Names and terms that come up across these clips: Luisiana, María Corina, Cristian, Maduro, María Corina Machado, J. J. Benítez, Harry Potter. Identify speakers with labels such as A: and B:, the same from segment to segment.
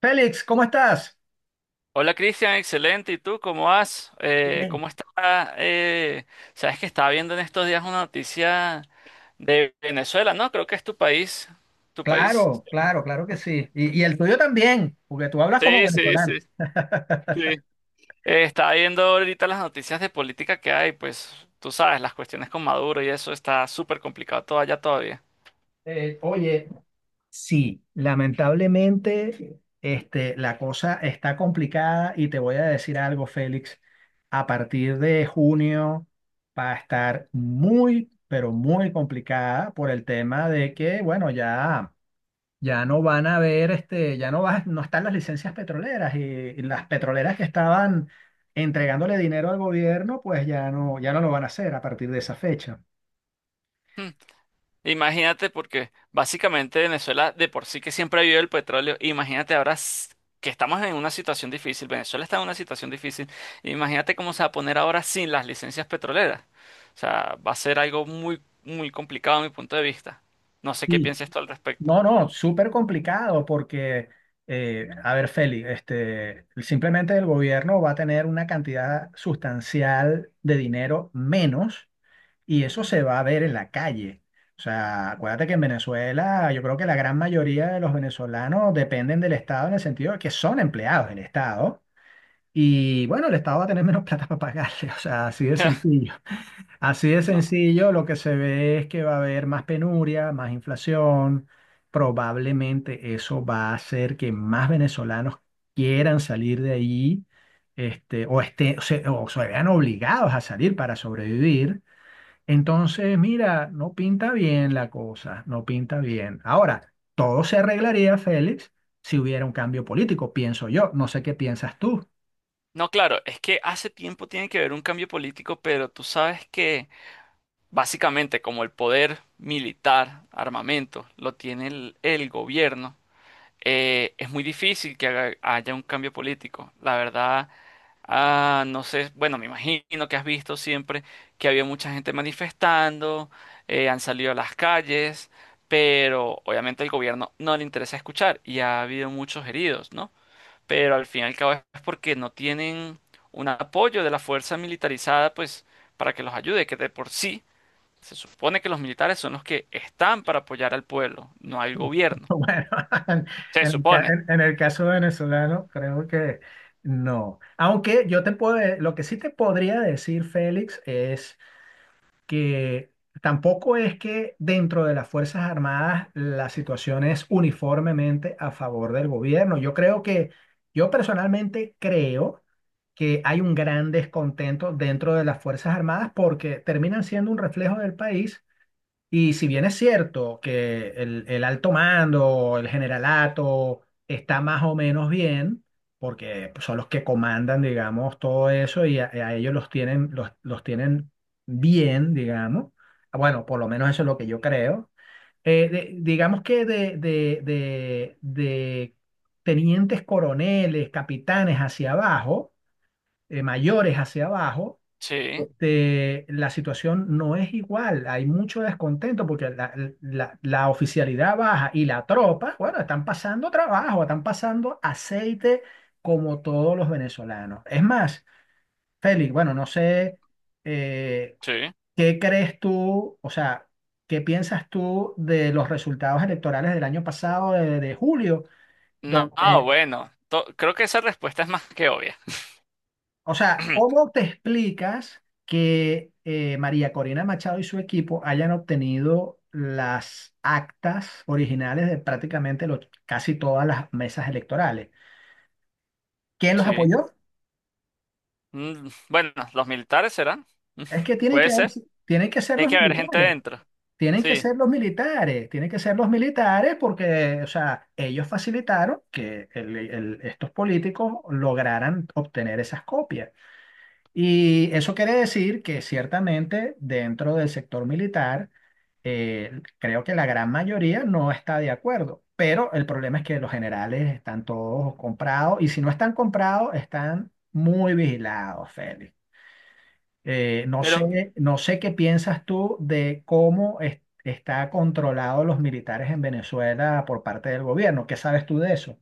A: Félix, ¿cómo estás?
B: Hola Cristian, excelente. ¿Y tú cómo vas?
A: Bien.
B: ¿Cómo está? eh, sabes que estaba viendo en estos días una noticia de Venezuela, ¿no? Creo que es tu país. ¿Tu país?
A: Claro, claro, claro que sí. Y el tuyo también, porque tú hablas como
B: Sí, sí,
A: venezolano.
B: sí, sí. Estaba viendo ahorita las noticias de política que hay, pues tú sabes, las cuestiones con Maduro y eso está súper complicado todo allá todavía.
A: Eh, oye, Sí, lamentablemente, este, la cosa está complicada y te voy a decir algo, Félix. A partir de junio va a estar muy, pero muy complicada por el tema de que, bueno, ya. Ya no van a haber, este, ya no vas, no están las licencias petroleras y las petroleras que estaban entregándole dinero al gobierno, pues ya no, ya no lo van a hacer a partir de esa fecha.
B: Imagínate, porque básicamente Venezuela de por sí que siempre ha vivido el petróleo. Imagínate ahora que estamos en una situación difícil. Venezuela está en una situación difícil. Imagínate cómo se va a poner ahora sin las licencias petroleras. O sea, va a ser algo muy, muy complicado a mi punto de vista. No sé qué
A: Sí.
B: piensas tú al respecto.
A: No, no, súper complicado porque, a ver, Feli, este, simplemente el gobierno va a tener una cantidad sustancial de dinero menos. Y eso se va a ver en la calle. O sea, acuérdate que en Venezuela yo creo que la gran mayoría de los venezolanos dependen del Estado en el sentido de que son empleados del Estado. Y bueno, el Estado va a tener menos plata para pagarle. O sea, así de sencillo. Así de
B: No.
A: sencillo, lo que se ve es que va a haber más penuria, más inflación. Probablemente eso va a hacer que más venezolanos quieran salir de allí, este, o, esté, o se vean obligados a salir para sobrevivir. Entonces, mira, no pinta bien la cosa, no pinta bien. Ahora, todo se arreglaría, Félix, si hubiera un cambio político, pienso yo. No sé qué piensas tú.
B: No, claro, es que hace tiempo tiene que haber un cambio político, pero tú sabes que básicamente como el poder militar, armamento, lo tiene el gobierno. Es muy difícil que haya un cambio político. La verdad, ah, no sé, bueno, me imagino que has visto siempre que había mucha gente manifestando, han salido a las calles, pero obviamente al gobierno no le interesa escuchar y ha habido muchos heridos, ¿no? Pero al fin y al cabo es porque no tienen un apoyo de la fuerza militarizada, pues, para que los ayude, que de por sí se supone que los militares son los que están para apoyar al pueblo, no al gobierno.
A: Bueno, en,
B: Se
A: el ca-
B: supone.
A: en el caso venezolano, creo que no. Aunque yo te puedo, de- lo que sí te podría decir, Félix, que tampoco es que dentro de las Fuerzas Armadas la situación es uniformemente a favor del gobierno. Yo creo que, yo personalmente creo que hay un gran descontento dentro de las Fuerzas Armadas porque terminan siendo un reflejo del país y si bien es cierto que el alto mando, el generalato, está más o menos bien, porque pues, son los que comandan, digamos, todo eso y a ellos los tienen bien, digamos. Bueno, por lo menos eso es lo que yo creo. De- digamos que de tenientes coroneles, capitanes hacia abajo, mayores hacia abajo,
B: Sí.
A: este, la situación no es igual. Hay mucho descontento porque la- la oficialidad baja y la tropa, bueno, están pasando trabajo, están pasando aceite como todos los venezolanos. Es más, Félix, bueno, no sé eh,
B: Sí.
A: qué crees tú, o sea, qué piensas tú de los resultados electorales del año pasado, de julio,
B: No, ah,
A: donde.
B: bueno, creo que esa respuesta es más que obvia.
A: O sea, ¿cómo te explicas que María Corina Machado y su equipo hayan obtenido las actas originales de prácticamente los- casi todas las mesas electorales? ¿Quién los
B: Sí.
A: apoyó?
B: Mm, bueno, los militares serán. Mm,
A: Es que tienen
B: puede
A: que,
B: ser.
A: tienen que ser
B: Tiene
A: los
B: que haber gente
A: militares,
B: dentro.
A: tienen que
B: Sí.
A: ser los militares, tienen que ser los militares porque, o sea, ellos facilitaron que el- estos políticos lograran obtener esas copias. Y eso quiere decir que ciertamente dentro del sector militar, creo que la gran mayoría no está de acuerdo, pero el problema es que los generales están todos comprados y si no están comprados, están muy vigilados, Félix. No
B: Pero,
A: sé, no sé qué piensas tú de cómo es- está controlado los militares en Venezuela por parte del gobierno. ¿Qué sabes tú de eso?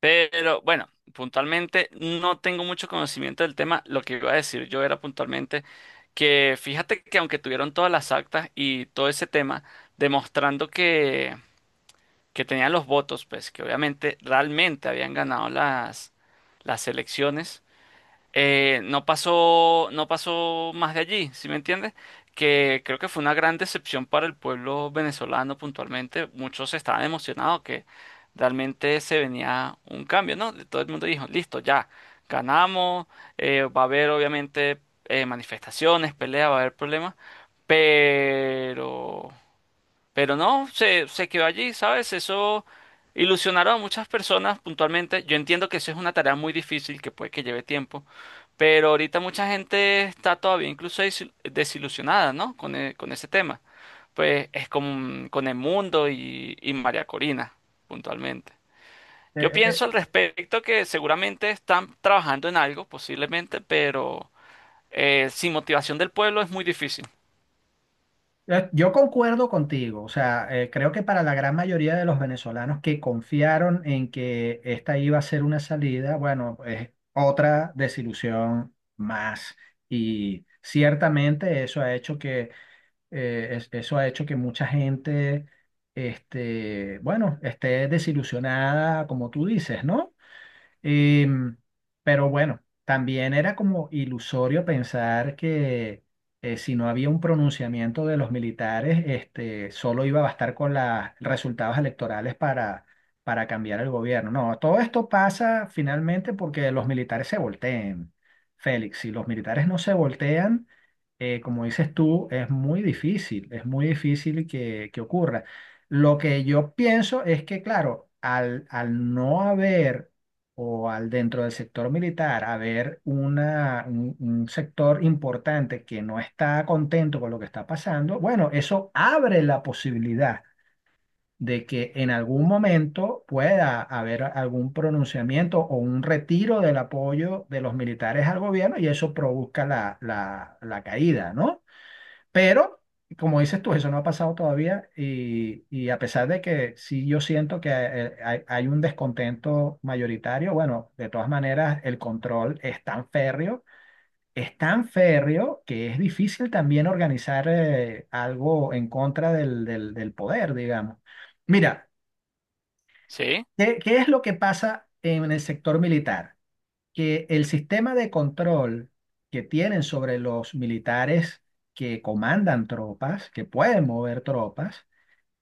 B: pero, bueno, puntualmente no tengo mucho conocimiento del tema. Lo que iba a decir yo era puntualmente que fíjate que aunque tuvieron todas las actas y todo ese tema, demostrando que tenían los votos, pues que obviamente realmente habían ganado las elecciones, no pasó, no pasó más de allí, ¿sí me entiendes? Que creo que fue una gran decepción para el pueblo venezolano puntualmente. Muchos estaban emocionados que realmente se venía un cambio, ¿no? Todo el mundo dijo, listo, ya, ganamos, va a haber obviamente manifestaciones, peleas, va a haber problemas, pero... Pero no, se quedó allí, ¿sabes? Eso ilusionaron a muchas personas puntualmente. Yo entiendo que eso es una tarea muy difícil, que puede que lleve tiempo, pero ahorita mucha gente está todavía incluso desilusionada, ¿no? Con, con ese tema. Pues es con el mundo y María Corina, puntualmente. Yo pienso al respecto que seguramente están trabajando en algo, posiblemente, pero sin motivación del pueblo es muy difícil.
A: Yo concuerdo contigo, o sea, creo que para la gran mayoría de los venezolanos que confiaron en que esta iba a ser una salida, bueno, es otra desilusión más. Y ciertamente eso ha hecho que, es- eso ha hecho que mucha gente, este, bueno, esté desilusionada, como tú dices, ¿no? Em, pero bueno, también era como ilusorio pensar que si no había un pronunciamiento de los militares, este, solo iba a bastar con los resultados electorales para cambiar el gobierno. No, todo esto pasa finalmente porque los militares se volteen, Félix. Si los militares no se voltean, como dices tú, es muy difícil que ocurra. Lo que yo pienso es que, claro, al, al no haber o al dentro del sector militar haber una, un sector importante que no está contento con lo que está pasando, bueno, eso abre la posibilidad de que en algún momento pueda haber algún pronunciamiento o un retiro del apoyo de los militares al gobierno y eso produzca la, la, la caída, ¿no? Pero, como dices tú, eso no ha pasado todavía y a pesar de que sí yo siento que hay, hay un descontento mayoritario, bueno, de todas maneras el control es tan férreo que es difícil también organizar algo en contra del, del- del poder, digamos. Mira,
B: ¿Sí?
A: ¿qué, qué es lo que pasa en el sector militar? Que el sistema de control que tienen sobre los militares que comandan tropas, que pueden mover tropas,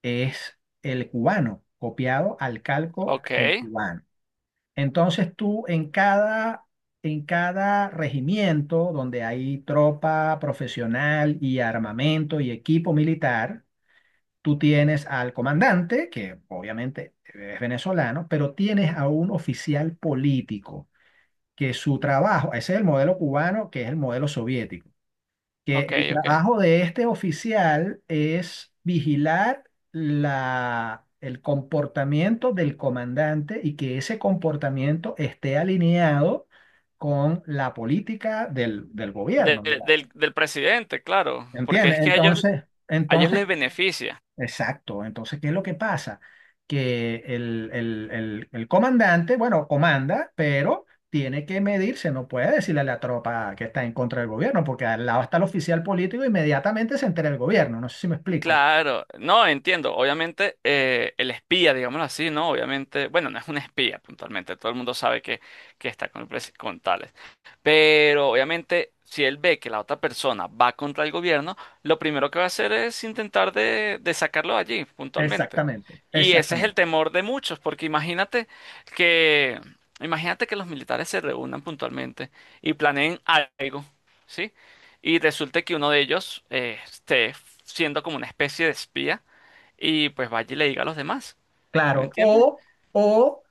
A: es el cubano, copiado al calco
B: Ok,
A: del cubano. Entonces tú en cada regimiento donde hay tropa profesional y armamento y equipo militar, tú tienes al comandante, que obviamente es venezolano, pero tienes a un oficial político que su trabajo, ese es el modelo cubano, que es el modelo soviético, que
B: ok,
A: el
B: ok.
A: trabajo de este oficial es vigilar la, el comportamiento del comandante y que ese comportamiento esté alineado con la política del, del gobierno,
B: Del, del presidente, claro, porque
A: ¿entiende?
B: es que
A: Entonces,
B: a ellos
A: entonces.
B: les beneficia.
A: Exacto. Entonces, ¿qué es lo que pasa? Que el comandante, bueno, comanda, pero tiene que medirse, no puede decirle a la tropa que está en contra del gobierno, porque al lado está el oficial político, inmediatamente se entera el gobierno. No sé si me explico.
B: Claro, no, entiendo. Obviamente, el espía, digámoslo así, ¿no? Obviamente, bueno, no es un espía puntualmente, todo el mundo sabe que está con, el con tales. Pero obviamente, si él ve que la otra persona va contra el gobierno, lo primero que va a hacer es intentar de sacarlo de allí, puntualmente.
A: Exactamente,
B: Y ese es el
A: exactamente.
B: temor de muchos, porque que, imagínate que los militares se reúnan puntualmente y planeen algo, ¿sí? Y resulta que uno de ellos esté siendo como una especie de espía y pues vaya y le diga a los demás. ¿Me
A: Claro,
B: entiendes?
A: o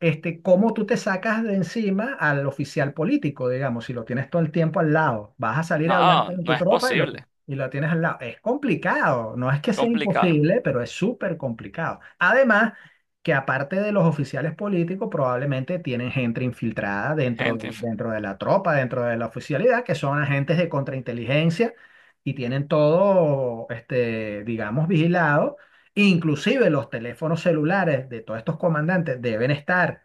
A: este, cómo tú te sacas de encima al oficial político, digamos, si lo tienes todo el tiempo al lado, vas a salir a hablar
B: No,
A: con
B: no
A: tu
B: es
A: tropa
B: posible.
A: y lo tienes al lado. Es complicado, no es que
B: Es
A: sea
B: complicado.
A: imposible, pero es súper complicado. Además, que aparte de los oficiales políticos, probablemente tienen gente infiltrada dentro,
B: Gente inf-
A: dentro de la tropa, dentro de la oficialidad, que son agentes de contrainteligencia y tienen todo, este, digamos, vigilado. Inclusive los teléfonos celulares de todos estos comandantes deben estar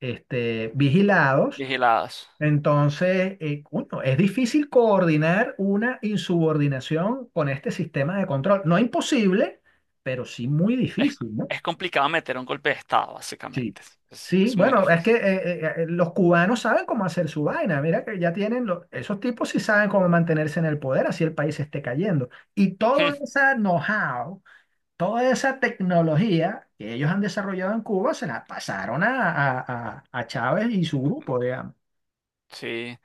A: este, vigilados.
B: vigiladas.
A: Entonces, coño, es difícil coordinar una insubordinación con este sistema de control. No imposible, pero sí muy
B: Es,
A: difícil, ¿no?
B: es complicado meter un golpe de estado,
A: Sí.
B: básicamente.
A: Sí,
B: Es muy
A: bueno, es que
B: difícil.
A: los cubanos saben cómo hacer su vaina. Mira que ya tienen, los- esos tipos sí saben cómo mantenerse en el poder, así el país esté cayendo. Y todo ese know-how, toda esa tecnología que ellos han desarrollado en Cuba se la pasaron a Chávez y su grupo, digamos.
B: Sí.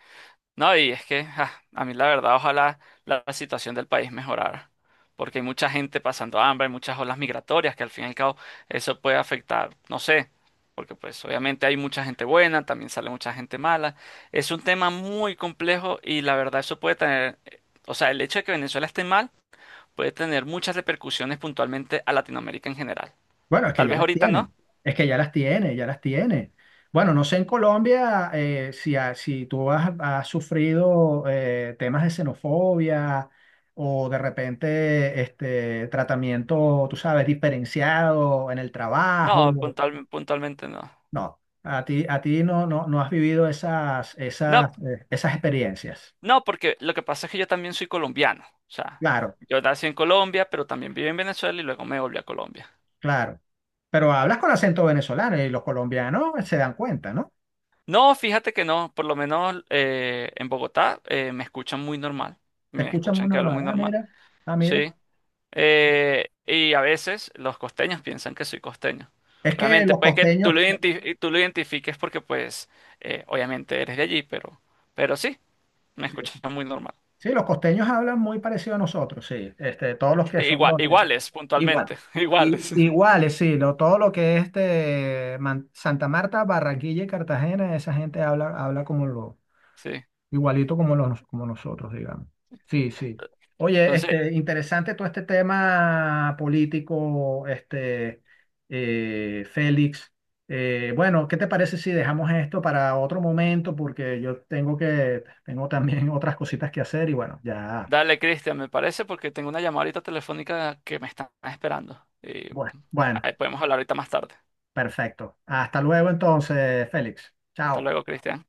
B: No, y es que ah, a mí la verdad, ojalá la situación del país mejorara, porque hay mucha gente pasando hambre, hay muchas olas migratorias que al fin y al cabo eso puede afectar, no sé, porque pues obviamente hay mucha gente buena, también sale mucha gente mala. Es un tema muy complejo y la verdad eso puede tener, o sea, el hecho de que Venezuela esté mal puede tener muchas repercusiones puntualmente a Latinoamérica en general.
A: Bueno, es que
B: Tal
A: ya
B: vez
A: las
B: ahorita no,
A: tienen, es que ya las tiene, ya las tiene. Bueno, no sé en Colombia si, ha- si tú has, has sufrido temas de xenofobia o de repente este tratamiento, tú sabes, diferenciado en el
B: no,
A: trabajo.
B: puntualmente no.
A: No, a ti no, no, no has vivido esas,
B: No,
A: esas, esas experiencias.
B: no, porque lo que pasa es que yo también soy colombiano. O sea,
A: Claro,
B: yo nací en Colombia, pero también viví en Venezuela y luego me volví a Colombia.
A: claro. Pero hablas con acento venezolano y los colombianos se dan cuenta, ¿no?
B: No, fíjate que no, por lo menos en Bogotá me escuchan muy normal.
A: Te
B: Me
A: escuchan muy
B: escuchan que hablo
A: normal.
B: muy
A: Ah,
B: normal.
A: mira, ah, mira.
B: Sí. Y a veces los costeños piensan que soy costeño.
A: Es que
B: Obviamente,
A: los
B: puede que tú
A: costeños,
B: lo tú lo identifiques porque, pues, obviamente eres de allí, pero sí, me
A: sí, sí.
B: escuchan muy normal.
A: Sí, los costeños hablan muy parecido a nosotros, sí. Este, todos los que
B: Sí,
A: son
B: igual,
A: los-
B: iguales,
A: igual.
B: puntualmente,
A: I-
B: iguales.
A: Iguales, sí, lo- todo lo que es este, Man- Santa Marta, Barranquilla y Cartagena, esa gente habla, habla como, lo-
B: Sí.
A: igualito como, los, como nosotros, digamos. Sí, sí. Oye,
B: Entonces,
A: este, interesante todo este tema político, este, Félix. Bueno, ¿qué te parece si dejamos esto para otro momento? Porque yo tengo que, tengo también otras cositas que hacer y bueno, ya,
B: dale, Cristian, me parece porque tengo una llamadita telefónica que me están esperando. Y
A: bueno, bueno,
B: ahí podemos hablar ahorita más tarde.
A: perfecto. Hasta luego entonces, Félix.
B: Hasta
A: Chao.
B: luego, Cristian.